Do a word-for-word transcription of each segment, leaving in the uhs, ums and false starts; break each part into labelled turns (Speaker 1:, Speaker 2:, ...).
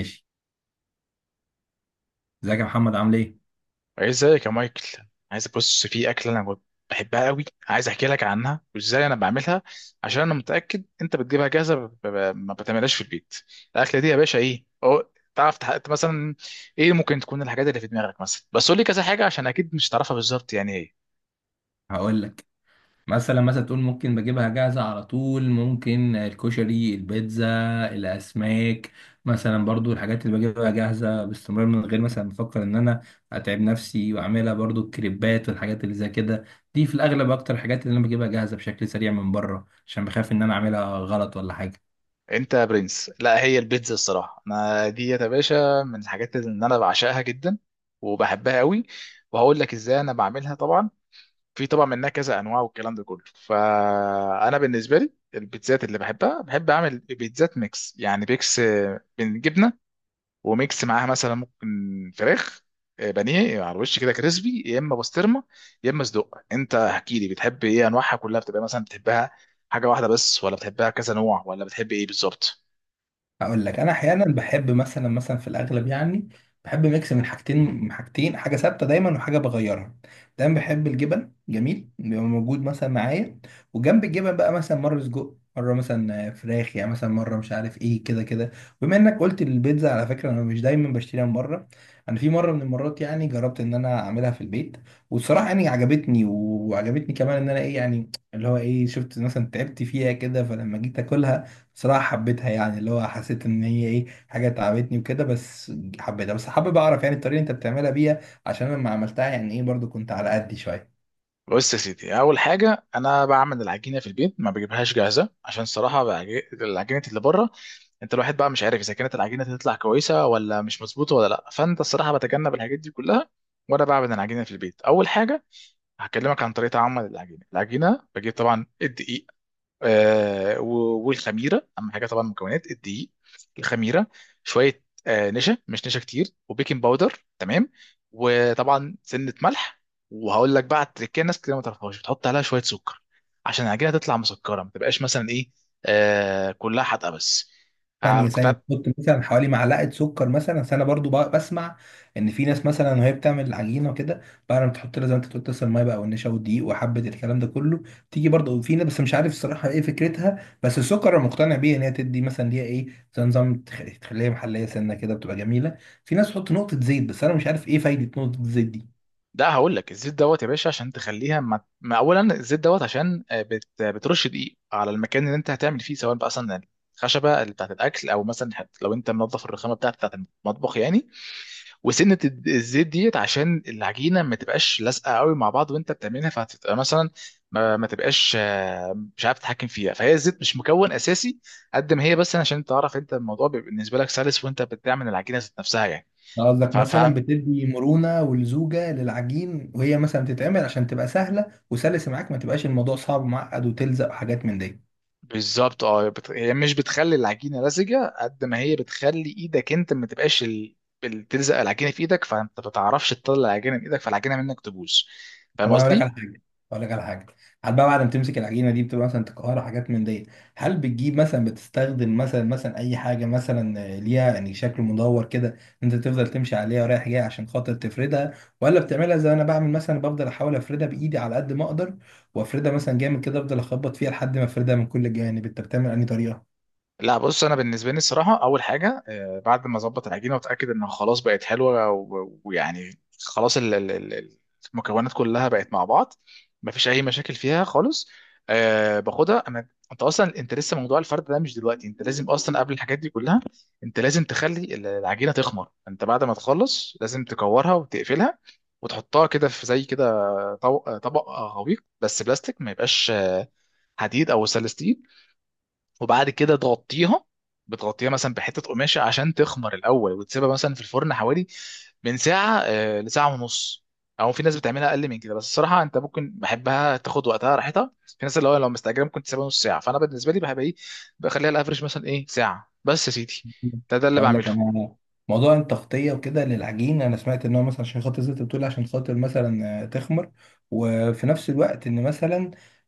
Speaker 1: ماشي. ازيك يا محمد، عامل ايه؟
Speaker 2: إيه، ازيك يا مايكل؟ عايز بص في اكله انا كنت بحبها قوي، عايز احكي لك عنها وازاي انا بعملها، عشان انا متاكد انت بتجيبها جاهزه ب- ب- ما بتعملهاش في البيت. الاكله دي يا باشا ايه؟ أو تعرف تحقق مثلا ايه ممكن تكون الحاجات اللي في دماغك؟ مثلا بس قول لي كذا حاجه، عشان اكيد مش تعرفها بالظبط يعني ايه.
Speaker 1: هقول لك. مثلا مثلا تقول ممكن بجيبها جاهزه على طول، ممكن الكشري، البيتزا، الاسماك. مثلا برضو الحاجات اللي بجيبها جاهزه باستمرار من غير مثلا ما افكر ان انا اتعب نفسي واعملها، برضو الكريبات والحاجات اللي زي كده. دي في الاغلب اكتر الحاجات اللي انا بجيبها جاهزه بشكل سريع من بره، عشان بخاف ان انا اعملها غلط ولا حاجه.
Speaker 2: انت يا برنس، لا هي البيتزا الصراحه انا دي يا باشا من الحاجات اللي انا بعشقها جدا وبحبها قوي، وهقول لك ازاي انا بعملها. طبعا في طبعا منها كذا انواع والكلام ده كله، فانا بالنسبه لي البيتزات اللي بحبها بحب اعمل بيتزات ميكس، يعني ميكس آه، من جبنه، وميكس معاها مثلا ممكن فراخ، آه، بانيه على الوش كده كريسبي، يا اما بسطرمه، يا اما صدق. انت احكي لي بتحب ايه؟ انواعها كلها بتبقى مثلا بتحبها حاجه واحده بس، ولا بتحبها كذا نوع، ولا بتحب ايه بالظبط؟
Speaker 1: هقول لك. انا احيانا بحب، مثلا مثلا في الاغلب يعني بحب ميكس من حاجتين، من حاجتين حاجه ثابته دايما وحاجه بغيرها. دايما بحب الجبن، جميل بيبقى موجود مثلا معايا. وجنب الجبن بقى مثلا مره سجق، مره مثلا فراخ، يعني مثلا مره مش عارف ايه كده كده. بما انك قلت البيتزا، على فكره انا مش دايما بشتريها من بره. انا في مره من المرات يعني جربت ان انا اعملها في البيت. والصراحه يعني عجبتني وعجبتني كمان، ان انا ايه يعني اللي هو ايه، شفت مثلا تعبت فيها كده، فلما جيت اكلها بصراحة حبيتها، يعني اللي هو حسيت ان هي ايه، حاجة تعبتني وكده بس. حبيتها، بس حابب اعرف يعني الطريقة اللي انت بتعملها بيها، عشان لما عملتها يعني ايه برضو كنت على قدي شوية.
Speaker 2: بص يا سيدي، اول حاجه انا بعمل العجينه في البيت ما بجيبهاش جاهزه، عشان الصراحه بعج- العجينه اللي بره انت الواحد بقى مش عارف اذا كانت العجينه تطلع كويسه ولا مش مظبوطه ولا لا، فانت الصراحه بتجنب الحاجات دي كلها. وانا بعمل العجينه في البيت اول حاجه. هكلمك عن طريقه عمل العجينه. العجينه بجيب طبعا الدقيق، آه، و- والخميره، اهم حاجه طبعا المكونات: الدقيق، الخميره، شويه آه، نشا مش نشا كتير، وبيكنج باودر، تمام، وطبعا سنه ملح. وهقول لك بقى على التركيه، ناس كتير ما تعرفهاش بتحط عليها شويه سكر عشان العجينه تطلع مسكره ما تبقاش مثلا ايه آه كلها حادقه بس. آه،
Speaker 1: ثانية
Speaker 2: كنت.
Speaker 1: ثانية، تحط مثلا حوالي معلقة سكر مثلا. أصل أنا برضو بق- بسمع إن في ناس مثلا وهي بتعمل العجينة وكده، بعد ما تحط لها زي ما أنت تقول، تسلق المية بقى والنشا والدقيق وحبة الكلام ده كله. تيجي برضو في ناس، بس مش عارف الصراحة إيه فكرتها، بس السكر أنا مقتنع بيه، إن هي تدي مثلا ليها إيه زي نظام تخ- تخليها محلية سنة كده بتبقى جميلة. في ناس تحط نقطة زيت، بس أنا مش عارف إيه فايدة نقطة الزيت دي.
Speaker 2: ده هقول لك الزيت دوت يا باشا عشان تخليها ما... ما اولا الزيت دوت عشان آه، بت... بترش دقيق على المكان اللي انت هتعمل فيه، سواء بقى مثلا الخشبه اللي بتاعت الاكل، او مثلا حت- لو انت منظف الرخامه بتاعت بتاعت المطبخ يعني. وسنه الد- الزيت ديت عشان العجينه ما تبقاش لازقه قوي مع بعض وانت بتعملها، فهتبقى مثلا ما, ما تبقاش آه، مش عارف تتحكم فيها. فهي الزيت مش مكون اساسي قد ما هي، بس عشان تعرف انت الموضوع بيبقى بالنسبه لك سلس وانت بتعمل العجينه ذات نفسها. يعني
Speaker 1: أنا قصدك مثلا بتدي مرونة ولزوجة للعجين، وهي مثلا بتتعمل عشان تبقى سهلة وسلسة معاك، ما تبقاش الموضوع صعب ومعقد وتلزق وحاجات من دي.
Speaker 2: بالظبط، اه بت... هي مش بتخلي العجينه لزجه قد ما هي بتخلي ايدك انت ما تبقاش ال... ال- تلزق العجينه في ايدك، فانت ما تعرفش تطلع العجينه من ايدك فالعجينه منك تبوظ. فاهم
Speaker 1: طب انا اقول لك على
Speaker 2: قصدي؟
Speaker 1: حاجه، اقول لك على حاجه هل بقى بعد ما تمسك العجينه دي، بتبقى مثلا تكهرها حاجات من دي؟ هل بتجيب مثلا بتستخدم مثلا مثلا اي حاجه مثلا آه، ليها يعني شكل مدور كده، انت تفضل تمشي عليها ورايح جاي عشان خاطر تفردها؟ ولا بتعملها زي انا بعمل مثلا، بفضل احاول افردها بايدي على قد ما اقدر، وافردها مثلا جامد كده، افضل اخبط فيها لحد ما افردها من كل الجوانب. انت بتعمل انهي طريقه؟
Speaker 2: لا بص، انا بالنسبه لي الصراحه اول حاجه آه، بعد ما اظبط العجينه واتاكد انها خلاص بقت حلوه و- ويعني خلاص ال- ال- ال- المكونات كلها بقت مع بعض، مفيش اي مشاكل فيها خالص. أه باخدها انا. انت اصلا انت لسه موضوع الفرد ده مش دلوقتي، انت لازم اصلا قبل الحاجات دي كلها انت لازم تخلي ال- العجينه تخمر. انت بعد ما تخلص لازم تكورها وتقفلها وتحطها كده في زي كده طو- طبق غويق بس بلاستيك، ما يبقاش آه، حديد او سلستيل. وبعد كده تغطيها، بتغطيها مثلا بحته قماشه عشان تخمر الاول، وتسيبها مثلا في الفرن حوالي من ساعه آه، لساعه ونص، او في ناس بتعملها اقل من كده. بس الصراحه انت ممكن بحبها تاخد وقتها راحتها. في ناس اللي هو لو مستعجله ممكن تسيبها نص ساعه. فانا بالنسبه لي بحب ايه، بخليها الافرج مثلا ايه ساعه بس يا سيدي. ده ده اللي
Speaker 1: اقول لك
Speaker 2: بعمله.
Speaker 1: انا. موضوع التغطيه وكده للعجين، انا سمعت ان هو مثلا عشان خاطر زي ما انت بتقول، عشان خاطر مثلا آه، تخمر. وفي نفس الوقت ان مثلا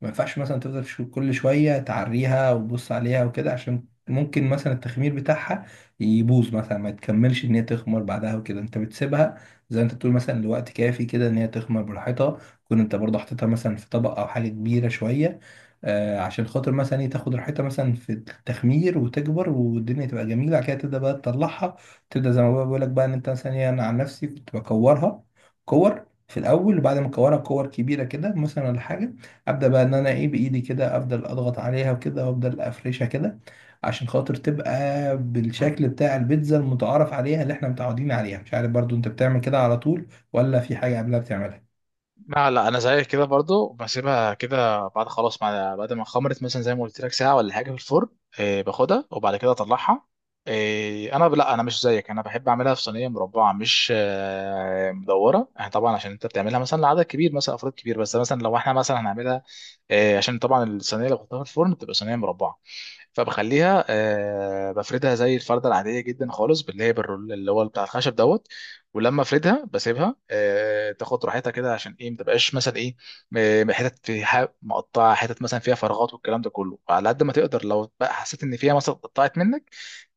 Speaker 1: ما ينفعش مثلا تفضل شو- كل شويه تعريها وتبص عليها وكده، عشان ممكن مثلا التخمير بتاعها يبوظ، مثلا ما تكملش ان هي تخمر بعدها وكده. انت بتسيبها زي ما انت بتقول مثلا لوقت كافي كده، ان هي تخمر براحتها، كون انت برضه حطيتها مثلا في طبق او حاجه كبيره شويه، آه، عشان خاطر مثلا ايه تاخد راحتها مثلا في التخمير وتكبر والدنيا تبقى جميله. بعد كده تبدا بقى تطلعها، تبدا زي ما بقى بقول لك بقى ان انت مثلا ايه، انا عن نفسي كنت بكورها، كور في الاول، وبعد ما اكورها كور كبيره كده مثلا ولا حاجه، ابدا بقى ان انا ايه بايدي كده، افضل اضغط عليها وكده وافضل افرشها كده، عشان خاطر تبقى بالشكل بتاع البيتزا المتعارف عليها اللي احنا متعودين عليها. مش عارف برضو انت بتعمل كده على طول، ولا في حاجه قبلها بتعملها؟
Speaker 2: لا لا، انا زيك كده برضو بسيبها كده بعد خلاص مع بعد ما خمرت مثلا زي ما قلت لك ساعه ولا حاجه في الفرن. إيه باخدها وبعد كده اطلعها. إيه، انا لا انا مش زيك، انا بحب اعملها في صينيه مربعه مش آه، مدوره. يعني طبعا عشان انت بتعملها مثلا لعدد كبير مثلا افراد كبير، بس مثلا لو احنا مثلا هنعملها إيه، عشان طبعا الصينيه اللي بحطها في الفرن بتبقى صينيه مربعه، فبخليها آه، بفردها زي الفردة العادية جدا خالص باللي هي بالرول اللي هو بتاع الخشب دوت. ولما افردها بسيبها آه، تاخد راحتها كده عشان ايه ما تبقاش مثلا ايه م- حتت في ح- مقطعة حتت مثلا فيها فراغات والكلام ده كله، على قد ما تقدر. لو بقى حسيت ان فيها مثلا اتقطعت منك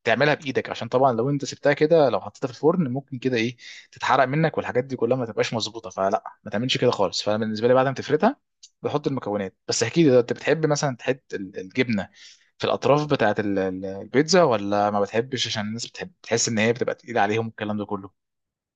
Speaker 2: تعملها بايدك، عشان طبعا لو انت سبتها كده لو حطيتها في الفرن ممكن كده ايه تتحرق منك، والحاجات دي كلها ما تبقاش مظبوطه، فلا ما تعملش كده خالص. فانا بالنسبه لي بعد ما تفردها بحط المكونات. بس احكي لي لو انت بتحب مثلا تحط ال- الجبنه في الاطراف بتاعت ال- ال- البيتزا، ولا ما بتحبش عشان الناس بتحب تحس ان هي بتبقى تقيله عليهم الكلام ده كله.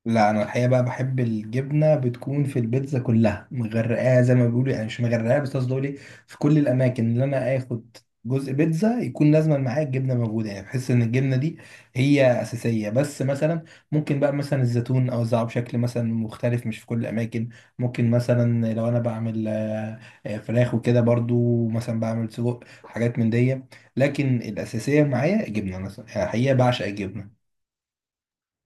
Speaker 1: لا، انا الحقيقه بقى بحب الجبنه بتكون في البيتزا كلها مغرقاها زي ما بيقولوا، يعني مش مغرقاها، بس قصدي اقول إيه، في كل الاماكن اللي انا اخد جزء بيتزا يكون لازما معايا الجبنه موجوده، يعني بحس ان الجبنه دي هي اساسيه. بس مثلا ممكن بقى مثلا الزيتون اوزعه بشكل مثلا مختلف، مش في كل الاماكن. ممكن مثلا لو انا بعمل آه، آه، فراخ وكده، برضو مثلا بعمل سجق حاجات من دي. لكن الاساسيه معايا الجبنه مثلا، يعني الحقيقه بعشق الجبنه.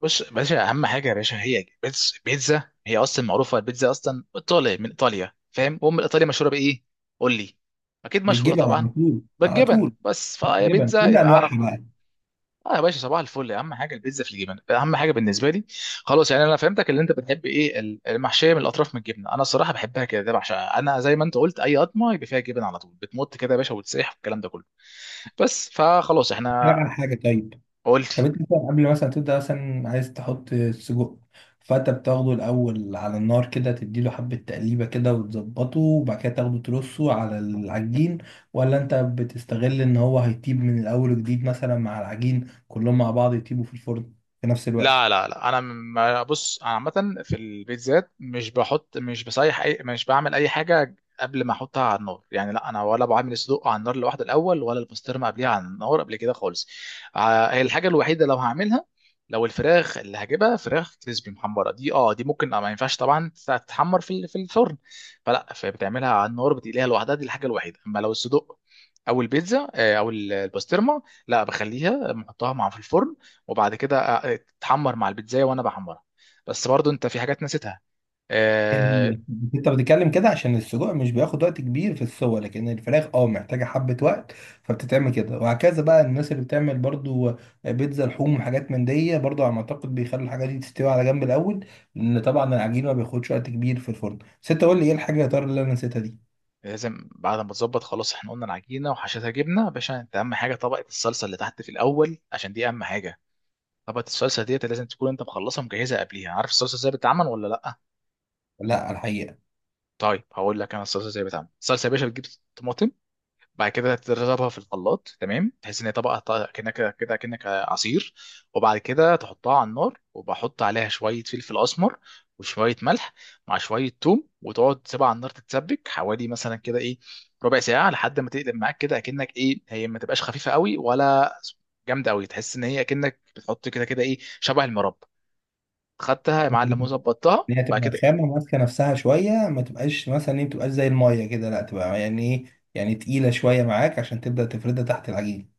Speaker 2: بص يا باشا، اهم حاجه يا باشا هي بيتز- بيتزا. هي اصلا معروفه البيتزا اصلا ايطالي من ايطاليا، فاهم؟ وام ايطاليا مشهوره بايه؟ قول لي. اكيد مشهوره
Speaker 1: بالجبن، على
Speaker 2: طبعا.
Speaker 1: طول على
Speaker 2: بالجبن،
Speaker 1: طول.
Speaker 2: بس فهي
Speaker 1: جبن
Speaker 2: بيتزا
Speaker 1: كل
Speaker 2: يبقى اعرف.
Speaker 1: انواعها بقى.
Speaker 2: اه يا باشا صباح الفل، اهم حاجه البيتزا في الجبن، اهم حاجه بالنسبه لي. خلاص يعني انا فهمتك. اللي انت بتحب ايه ال- المحشيه من الاطراف من الجبنه، انا الصراحه بحبها كده، ده بعشقها انا. زي ما انت قلت اي قطمه يبقى فيها جبن على طول بتمط كده يا باشا وتسيح والكلام ده كله، بس فخلاص
Speaker 1: بتتكلم
Speaker 2: احنا.
Speaker 1: على حاجه، طيب.
Speaker 2: قول لي.
Speaker 1: طب انت مثلا قبل مثلا تبدا مثلا عايز تحط سجق، فانت بتاخده الاول على النار كده، تديله حبه تقليبه كده وتظبطه، وبعد كده تاخده ترصه على العجين؟ ولا انت بتستغل ان هو هيطيب من الاول وجديد مثلا، مع العجين كلهم مع بعض يطيبوا في الفرن في نفس الوقت؟
Speaker 2: لا لا لا، انا ما بص انا عامه في البيتزات مش بحط مش بصيح اي مش بعمل اي حاجه قبل ما احطها على النار، يعني لا انا ولا بعمل الصدوق على النار لوحده الاول، ولا البسطرمه قبليها على النار قبل كده خالص. آه، هي الحاجه الوحيده لو هعملها، لو الفراخ اللي هجيبها فراخ كريسبي محمره دي، اه دي ممكن آه، ما ينفعش طبعا تتحمر في ال- في الفرن، فلا فبتعملها على النار بتقليها لوحدها، دي الحاجه الوحيده. اما لو الصدوق او البيتزا آه، او البسطرمه لا بخليها بحطها مع في الفرن، وبعد كده آه، تتحمر مع البيتزاية وانا بحمرها. بس برضو انت في حاجات نسيتها. آه.
Speaker 1: ال- انت بتتكلم كده عشان السجق مش بياخد وقت كبير في السوى، لكن الفراخ اه محتاجه حبه وقت، فبتتعمل كده وهكذا بقى. الناس اللي بتعمل برضو بيتزا لحوم وحاجات من دي، برضو على ما اعتقد بيخلوا الحاجات دي تستوي على جنب الاول، لان طبعا العجين ما بياخدش وقت كبير في الفرن. بس انت قول لي ايه الحاجه يا ترى اللي انا نسيتها دي؟
Speaker 2: لازم بعد ما تظبط خلاص، احنا قلنا العجينه وحشتها جبنه يا باشا. انت اهم حاجه طبقه الصلصه اللي تحت في الاول عشان دي اهم حاجه. طبقه الصلصه ديت لازم تكون انت مخلصها مجهزها قبليها. عارف الصلصه ازاي بتتعمل ولا لا؟
Speaker 1: لا، الحقيقه.
Speaker 2: طيب هقول لك انا الصلصه ازاي بتتعمل. الصلصه يا باشا بتجيب طماطم، بعد كده تضربها في الخلاط، تمام، تحس ان هي طبقه طبقة كأنك كده كأنك عصير، وبعد كده تحطها على النار وبحط عليها شويه فلفل اسمر وشويه ملح مع شويه ثوم، وتقعد تسيبها على النار تتسبك حوالي مثلا كده ايه ربع ساعه، لحد ما تقلب معاك كده اكنك ايه هي ما تبقاش خفيفه قوي ولا جامده قوي، تحس ان هي اكنك بتحط كده كده ايه شبه المربى. خدتها يا
Speaker 1: احنا
Speaker 2: معلم
Speaker 1: بنجيب-
Speaker 2: وظبطتها
Speaker 1: ان هي
Speaker 2: بعد
Speaker 1: تبقى
Speaker 2: كده.
Speaker 1: خامه ماسكه نفسها شويه، ما تبقاش مثلا ايه، ما تبقاش زي الميه كده، لا تبقى يعني ايه، يعني تقيله شويه معاك عشان تبدا تفردها تحت العجين.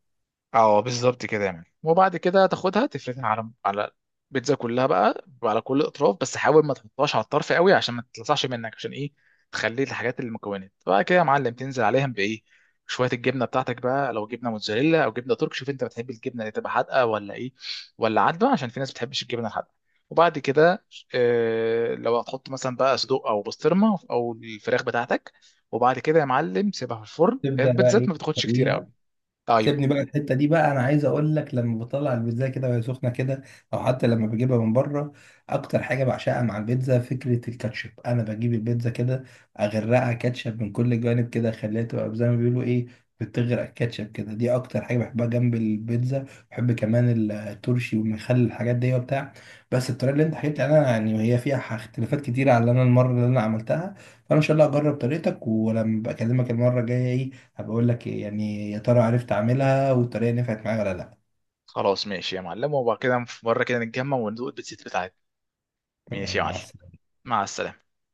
Speaker 2: اه بالظبط كده يعني. وبعد كده تاخدها تفردها على على البيتزا كلها بقى على كل اطراف، بس حاول ما تحطهاش على الطرف قوي عشان ما تلصعش منك، عشان ايه تخلي الحاجات المكونات بقى كده يا معلم تنزل عليهم بايه، شويه الجبنه بتاعتك بقى، لو جبنه موتزاريلا او جبنه ترك، شوف انت بتحب الجبنه اللي تبقى حادقه ولا ايه ولا عادبه، عشان في ناس ما بتحبش الجبنه الحادقه. وبعد كده آه لو هتحط مثلا بقى صدوق او بسطرمه او الفراخ بتاعتك، وبعد كده يا معلم سيبها في الفرن،
Speaker 1: تبدا بقى
Speaker 2: البيتزات
Speaker 1: ايه؟
Speaker 2: ما بتاخدش كتير قوي.
Speaker 1: تسويها. سيبني
Speaker 2: ايوه.
Speaker 1: بقى الحته دي بقى. انا عايز اقول لك، لما بطلع البيتزا كده وهي سخنه كده، او حتى لما بجيبها من بره، اكتر حاجه بعشقها مع البيتزا فكره الكاتشب. انا بجيب البيتزا كده، اغرقها كاتشب من كل الجوانب كده، اخليها تبقى زي ما بيقولوا ايه، بتغرق كاتشب كده. دي اكتر حاجه بحبها جنب البيتزا. بحب كمان الترشي والمخلل، الحاجات دي وبتاع. بس الطريقه اللي انت حكيت عنها يعني هي فيها اختلافات كتيره على اللي انا المره اللي انا عملتها، فانا ان شاء الله اجرب طريقتك، ولما بكلمك المره الجايه ايه، هبقول لك إيه، يعني يا ترى عرفت اعملها والطريقه نفعت معايا ولا لا.
Speaker 2: خلاص ماشي يا معلم، وبعد كده في مرة كده نتجمع وندوق البيتزا بتاعتنا. ماشي يا
Speaker 1: تمام،
Speaker 2: معلم.
Speaker 1: مع السلامه.
Speaker 2: مع السلامة.